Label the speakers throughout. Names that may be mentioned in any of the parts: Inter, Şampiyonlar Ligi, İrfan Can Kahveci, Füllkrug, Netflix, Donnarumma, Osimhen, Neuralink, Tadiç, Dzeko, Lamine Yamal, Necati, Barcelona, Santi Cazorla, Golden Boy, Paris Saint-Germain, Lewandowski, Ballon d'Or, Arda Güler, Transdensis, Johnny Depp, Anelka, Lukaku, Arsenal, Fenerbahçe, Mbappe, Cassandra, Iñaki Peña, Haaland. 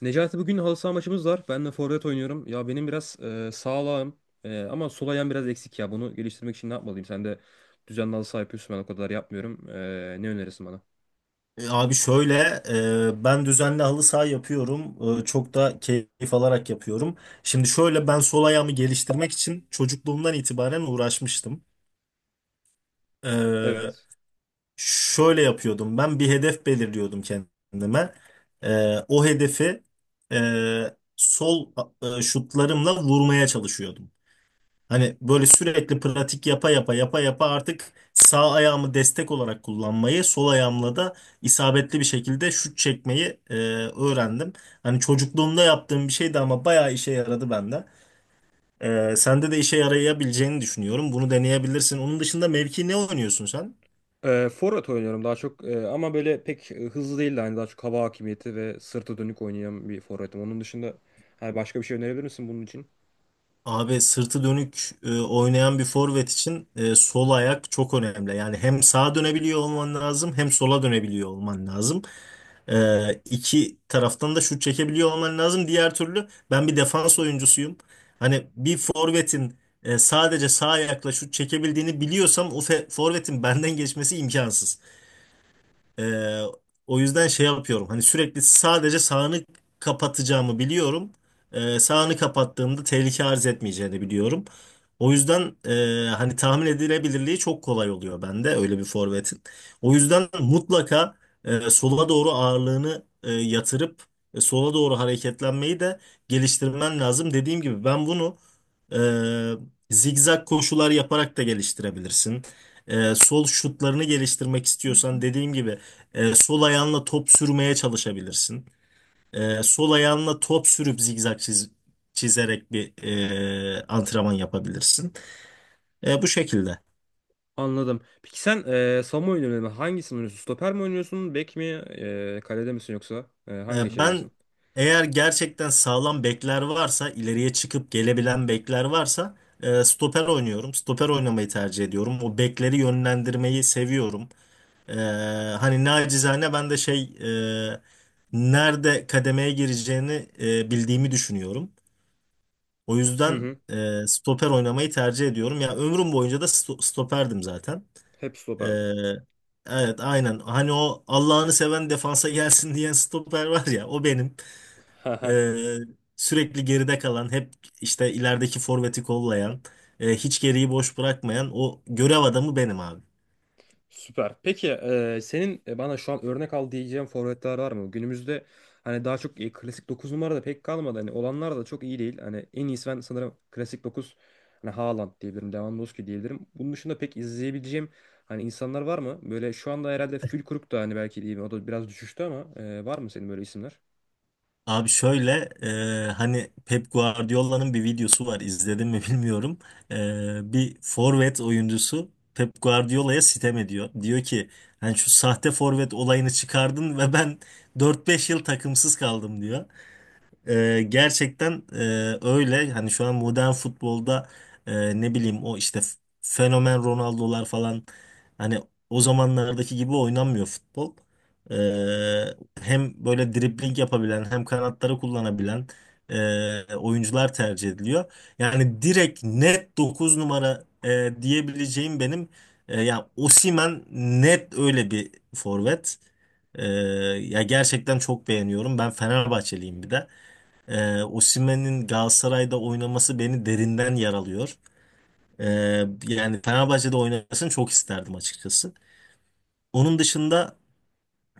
Speaker 1: Necati, bugün halı saha maçımız var. Ben de forvet oynuyorum. Ya benim biraz sağlağım ama sol ayağım biraz eksik ya. Bunu geliştirmek için ne yapmalıyım? Sen de düzenli halı saha yapıyorsun. Ben o kadar yapmıyorum. Ne önerirsin bana?
Speaker 2: Abi şöyle, ben düzenli halı saha yapıyorum. Çok da keyif alarak yapıyorum. Şimdi şöyle ben sol ayağımı geliştirmek için çocukluğumdan itibaren uğraşmıştım. E,
Speaker 1: Evet.
Speaker 2: Şöyle yapıyordum. Ben bir hedef belirliyordum kendime. O hedefi sol şutlarımla vurmaya çalışıyordum. Hani böyle sürekli pratik yapa yapa yapa yapa artık sağ ayağımı destek olarak kullanmayı, sol ayağımla da isabetli bir şekilde şut çekmeyi öğrendim. Hani çocukluğumda yaptığım bir şeydi ama bayağı işe yaradı bende. Sende de işe yarayabileceğini düşünüyorum. Bunu deneyebilirsin. Onun dışında mevki ne oynuyorsun sen?
Speaker 1: Forvet oynuyorum daha çok, ama böyle pek hızlı değil de hani daha çok hava hakimiyeti ve sırtı dönük oynayan bir forvetim. Onun dışında hani başka bir şey önerebilir misin bunun için?
Speaker 2: Abi sırtı dönük oynayan bir forvet için sol ayak çok önemli. Yani hem sağa dönebiliyor olman lazım hem sola dönebiliyor olman lazım. İki taraftan da şut çekebiliyor olman lazım. Diğer türlü ben bir defans oyuncusuyum. Hani bir forvetin sadece sağ ayakla şut çekebildiğini biliyorsam o forvetin benden geçmesi imkansız. Ee, O yüzden şey yapıyorum. Hani sürekli sadece sağını kapatacağımı biliyorum. Sağını kapattığımda tehlike arz etmeyeceğini biliyorum. O yüzden hani tahmin edilebilirliği çok kolay oluyor bende öyle bir forvetin. O yüzden mutlaka sola doğru ağırlığını yatırıp sola doğru hareketlenmeyi de geliştirmen lazım. Dediğim gibi ben bunu zigzag koşular yaparak da geliştirebilirsin. Sol şutlarını geliştirmek istiyorsan dediğim gibi sol ayağınla top sürmeye çalışabilirsin. Sol ayağınla top sürüp zigzag çizerek bir antrenman yapabilirsin. Bu şekilde.
Speaker 1: Anladım. Peki sen savunma oynuyorsun. Hangisini oynuyorsun? Stoper mi oynuyorsun? Bek mi? Kalede misin yoksa? Hangi
Speaker 2: Ben
Speaker 1: şeydesin?
Speaker 2: eğer gerçekten sağlam bekler varsa, ileriye çıkıp gelebilen bekler varsa stoper oynuyorum. Stoper oynamayı tercih ediyorum. O bekleri yönlendirmeyi seviyorum. E, Hani nacizane ben de şey e, nerede kademeye gireceğini bildiğimi düşünüyorum. O
Speaker 1: Hı
Speaker 2: yüzden
Speaker 1: hı.
Speaker 2: stoper oynamayı tercih ediyorum. Ya ömrüm boyunca da stoperdim zaten.
Speaker 1: Hep
Speaker 2: E,
Speaker 1: stoperdim.
Speaker 2: evet, aynen. Hani o Allah'ını seven defansa gelsin diyen stoper var ya o benim. E, Sürekli geride kalan, hep işte ilerideki forveti kollayan, hiç geriyi boş bırakmayan o görev adamı benim abi.
Speaker 1: Süper. Peki senin bana şu an örnek al diyeceğin forvetler var mı? Günümüzde hani daha çok klasik 9 numara da pek kalmadı. Hani olanlar da çok iyi değil. Hani en iyisi ben sanırım klasik 9, hani Haaland diyebilirim, Lewandowski diyebilirim. Bunun dışında pek izleyebileceğim hani insanlar var mı? Böyle şu anda herhalde Füllkrug da hani belki diyeyim, o da biraz düşüştü ama var mı senin böyle isimler?
Speaker 2: Abi şöyle hani Pep Guardiola'nın bir videosu var izledim mi bilmiyorum. Bir forvet oyuncusu Pep Guardiola'ya sitem ediyor. Diyor ki hani şu sahte forvet olayını çıkardın ve ben dört beş yıl takımsız kaldım diyor. Gerçekten öyle. Hani şu an modern futbolda ne bileyim o işte fenomen Ronaldo'lar falan hani o zamanlardaki gibi oynanmıyor futbol. Ee, Hem böyle dribling yapabilen hem kanatları kullanabilen oyuncular tercih ediliyor. Yani direkt net 9 numara diyebileceğim benim ya Osimhen net öyle bir forvet. Ya gerçekten çok beğeniyorum. Ben Fenerbahçeliyim bir de. Osimhen'in Galatasaray'da oynaması beni derinden yaralıyor. Yani Fenerbahçe'de oynamasını çok isterdim açıkçası. Onun dışında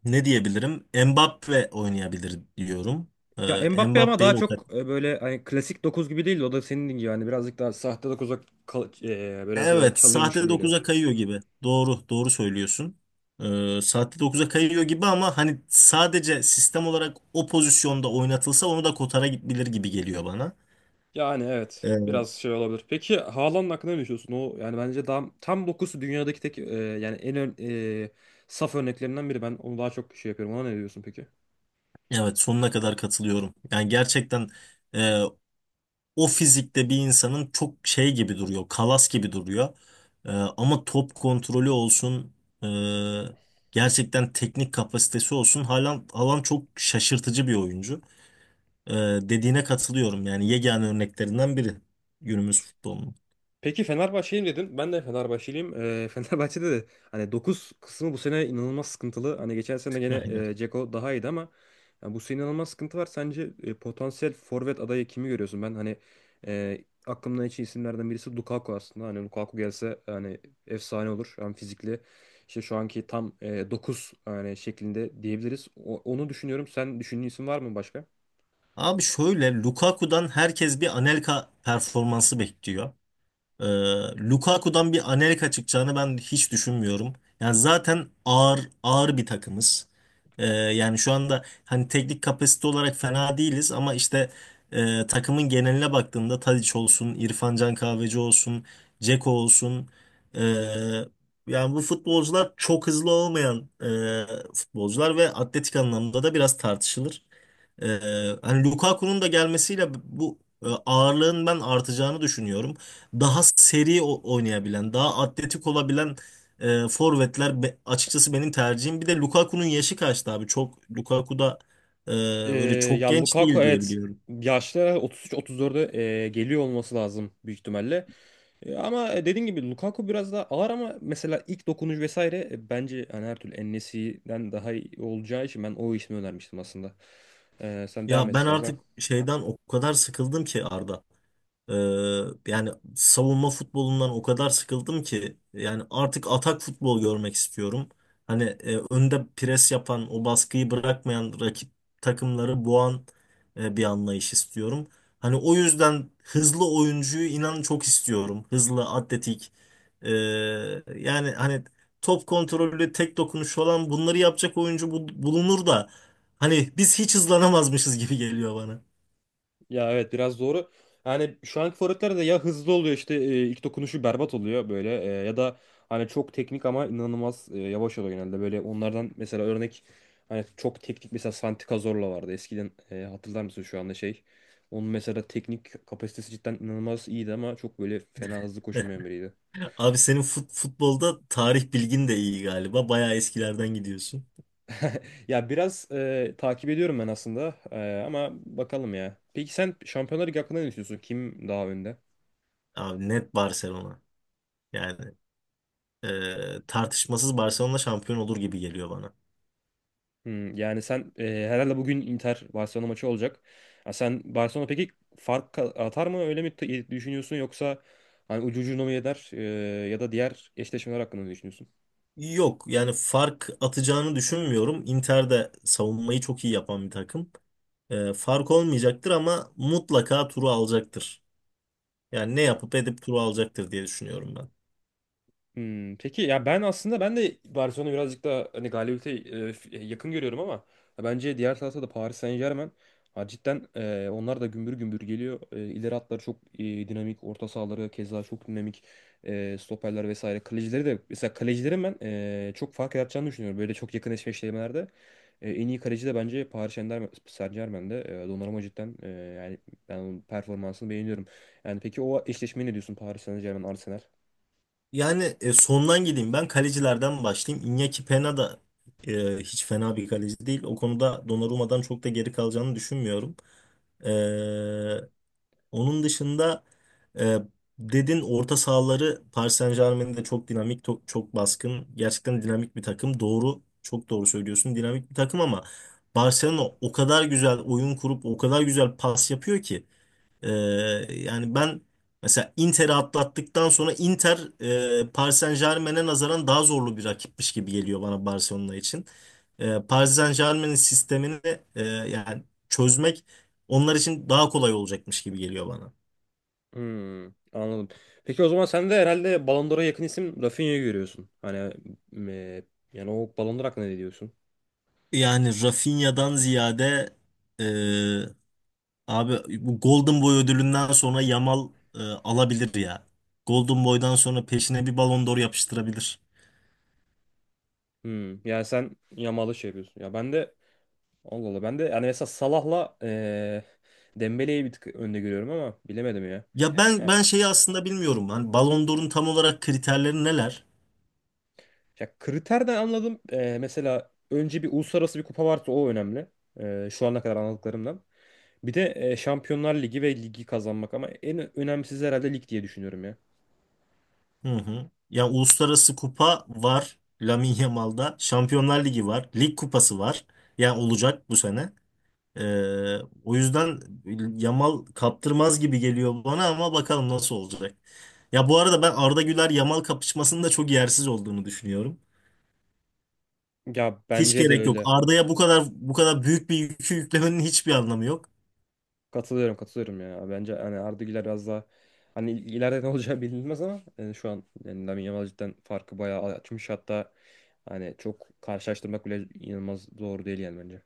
Speaker 2: ne diyebilirim? Mbappe oynayabilir diyorum.
Speaker 1: Ya Mbappe ama daha
Speaker 2: Mbappe'yi o kadar.
Speaker 1: çok böyle hani klasik 9 gibi değil de o da senin gibi hani birazcık daha sahte 9'a biraz böyle
Speaker 2: Evet,
Speaker 1: çalıyormuş
Speaker 2: sahte
Speaker 1: gibi geliyor.
Speaker 2: dokuz'a kayıyor gibi. Doğru, doğru söylüyorsun. Sahte 9'a kayıyor gibi ama hani sadece sistem olarak o pozisyonda oynatılsa onu da kotara gidebilir gibi geliyor bana.
Speaker 1: Yani evet.
Speaker 2: Ee,
Speaker 1: Biraz şey olabilir. Peki Haaland'ın hakkında ne düşünüyorsun? O yani bence daha tam dokusu dünyadaki tek yani en ön, e, saf örneklerinden biri. Ben onu daha çok şey yapıyorum. Ona ne diyorsun peki?
Speaker 2: evet, sonuna kadar katılıyorum. Yani gerçekten o fizikte bir insanın çok şey gibi duruyor, kalas gibi duruyor. Ama top kontrolü olsun, e, gerçekten teknik kapasitesi olsun. Haaland, Haaland çok şaşırtıcı bir oyuncu. Ee, Dediğine katılıyorum yani yegane örneklerinden biri günümüz futbolunun.
Speaker 1: Peki Fenerbahçeliyim dedin. Ben de Fenerbahçeliyim. Fenerbahçe'de de hani 9 kısmı bu sene inanılmaz sıkıntılı. Hani geçen sene gene
Speaker 2: Aynen.
Speaker 1: Dzeko daha iyiydi ama yani bu sene inanılmaz sıkıntı var. Sence potansiyel forvet adayı kimi görüyorsun? Ben hani e, aklımdan geçen isimlerden birisi Lukaku aslında. Hani Lukaku gelse hani efsane olur. Hem fizikli işte şu anki tam 9 hani şeklinde diyebiliriz. Onu düşünüyorum. Sen düşündüğün isim var mı başka?
Speaker 2: Abi şöyle Lukaku'dan herkes bir Anelka performansı bekliyor. Ee, Lukaku'dan bir Anelka çıkacağını ben hiç düşünmüyorum. Yani zaten ağır ağır bir takımız. Yani şu anda hani teknik kapasite olarak fena değiliz ama işte takımın geneline baktığımda Tadiç olsun, İrfan Can Kahveci olsun, Dzeko olsun. e, Yani bu futbolcular çok hızlı olmayan futbolcular ve atletik anlamda da biraz tartışılır. Hani Lukaku'nun da gelmesiyle bu ağırlığın ben artacağını düşünüyorum. Daha seri oynayabilen, daha atletik olabilen forvetler açıkçası benim tercihim. Bir de Lukaku'nun yaşı kaçtı abi? Çok Lukaku da e,
Speaker 1: Ee,
Speaker 2: böyle çok
Speaker 1: Ya
Speaker 2: genç
Speaker 1: Lukaku,
Speaker 2: değil diye
Speaker 1: evet,
Speaker 2: biliyorum.
Speaker 1: yaşları 33-34'e geliyor olması lazım büyük ihtimalle. Ama dediğin gibi Lukaku biraz daha ağır ama mesela ilk dokunuş vesaire, bence hani her türlü en daha iyi olacağı için ben o ismi önermiştim aslında. Sen devam
Speaker 2: Ya
Speaker 1: et
Speaker 2: ben
Speaker 1: istersen.
Speaker 2: artık şeyden o kadar sıkıldım ki Arda. Ee, Yani savunma futbolundan o kadar sıkıldım ki yani artık atak futbol görmek istiyorum. Hani önde pres yapan, o baskıyı bırakmayan rakip takımları boğan bir anlayış istiyorum. Hani o yüzden hızlı oyuncuyu inan çok istiyorum. Hızlı, atletik. Ee, Yani hani top kontrolü, tek dokunuş olan bunları yapacak oyuncu bulunur da hani biz hiç hızlanamazmışız gibi geliyor bana.
Speaker 1: Ya evet, biraz doğru. Yani şu anki forvetler de ya hızlı oluyor işte, ilk dokunuşu berbat oluyor böyle, ya da hani çok teknik ama inanılmaz yavaş oluyor genelde. Böyle onlardan mesela örnek hani çok teknik mesela Santi Cazorla vardı. Eskiden hatırlar mısın şu anda şey? Onun mesela teknik kapasitesi cidden inanılmaz iyiydi ama çok böyle fena hızlı koşamayan biriydi.
Speaker 2: Abi senin futbolda tarih bilgin de iyi galiba. Bayağı eskilerden gidiyorsun.
Speaker 1: Ya biraz takip ediyorum ben aslında, ama bakalım ya. Peki sen Şampiyonlar Ligi hakkında ne düşünüyorsun? Kim daha önde?
Speaker 2: Abi net Barcelona. Yani tartışmasız Barcelona şampiyon olur gibi geliyor bana.
Speaker 1: Hmm, yani sen herhalde bugün Inter Barcelona maçı olacak. Ya sen Barcelona peki fark atar mı öyle mi düşünüyorsun, yoksa hani ucu ucuna mı eder, ya da diğer eşleşmeler hakkında ne düşünüyorsun?
Speaker 2: Yok yani fark atacağını düşünmüyorum. Inter de savunmayı çok iyi yapan bir takım. Fark olmayacaktır ama mutlaka turu alacaktır. Yani ne yapıp edip turu alacaktır diye düşünüyorum ben.
Speaker 1: Hmm, peki ya ben aslında ben de Barcelona birazcık daha hani galibiyete yakın görüyorum ama ya bence diğer tarafta da Paris Saint-Germain, ha, cidden, onlar da gümbür gümbür geliyor. İleri hatları çok dinamik, orta sahaları keza çok dinamik. Stoperler vesaire. Kalecileri de, mesela kalecilerin ben çok fark yaratacağını düşünüyorum. Böyle çok yakın eşleşmelerde. En iyi kaleci de bence Paris Saint-Germain'de. Donnarumma cidden, yani ben onun performansını beğeniyorum. Yani peki o eşleşmeyi ne diyorsun Paris Saint-Germain Arsenal?
Speaker 2: Yani sondan gideyim. Ben kalecilerden başlayayım. Iñaki Peña da hiç fena bir kaleci değil. O konuda Donnarumma'dan çok da geri kalacağını düşünmüyorum. E, Onun dışında e, dedin orta sahaları Paris Saint-Germain'in de çok dinamik, çok baskın. Gerçekten dinamik bir takım. Doğru, çok doğru söylüyorsun. Dinamik bir takım ama Barcelona o kadar güzel oyun kurup o kadar güzel pas yapıyor ki. Ee, Yani ben mesela Inter'i atlattıktan sonra Inter Paris Saint-Germain'e nazaran daha zorlu bir rakipmiş gibi geliyor bana Barcelona için. Paris Saint-Germain'in sistemini yani çözmek onlar için daha kolay olacakmış gibi geliyor bana.
Speaker 1: Hmm, anladım. Peki o zaman sen de herhalde Ballon d'Or'a yakın isim Rafinha'yı görüyorsun. Hani e, yani o Ballon d'Or hakkında ne diyorsun?
Speaker 2: Yani Rafinha'dan ziyade e, abi bu Golden Boy ödülünden sonra Yamal alabilir ya. Golden Boy'dan sonra peşine bir Ballon d'Or yapıştırabilir.
Speaker 1: Hmm, yani sen Yamal'ı şey yapıyorsun. Ya ben de, Allah Allah, ben de yani mesela Salah'la Dembele'yi bir tık önde görüyorum ama bilemedim ya.
Speaker 2: Ya ben
Speaker 1: Ha,
Speaker 2: ben şeyi aslında bilmiyorum. Hani Ballon d'Or'un tam olarak kriterleri neler?
Speaker 1: ya kriterden anladım. Mesela önce bir uluslararası bir kupa varsa o önemli. Şu ana kadar anladıklarımdan. Bir de Şampiyonlar Ligi ve ligi kazanmak, ama en önemlisi herhalde lig diye düşünüyorum ya.
Speaker 2: Hı hı. Ya uluslararası kupa var Lamine Yamal'da. Şampiyonlar Ligi var. Lig kupası var. Ya olacak bu sene. Ee, O yüzden Yamal kaptırmaz gibi geliyor bana ama bakalım nasıl olacak. Ya bu arada ben Arda Güler Yamal kapışmasının da çok yersiz olduğunu düşünüyorum.
Speaker 1: Ya
Speaker 2: Hiç
Speaker 1: bence de
Speaker 2: gerek yok.
Speaker 1: öyle.
Speaker 2: Arda'ya bu kadar bu kadar büyük bir yükü yüklemenin hiçbir anlamı yok.
Speaker 1: Katılıyorum, katılıyorum ya. Bence hani Arda Güler biraz daha hani ileride ne olacağı bilinmez ama yani şu an yani Lamine Yamal cidden farkı bayağı açmış. Hatta hani çok karşılaştırmak bile inanılmaz doğru değil yani bence.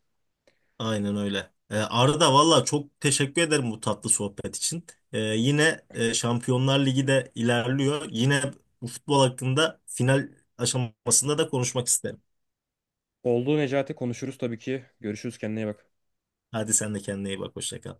Speaker 2: Aynen öyle. Arda, valla çok teşekkür ederim bu tatlı sohbet için. Yine Şampiyonlar Ligi de ilerliyor. Yine bu futbol hakkında final aşamasında da konuşmak isterim.
Speaker 1: Oldu Necati, konuşuruz tabii ki. Görüşürüz, kendine iyi bak.
Speaker 2: Hadi sen de kendine iyi bak. Hoşça kal.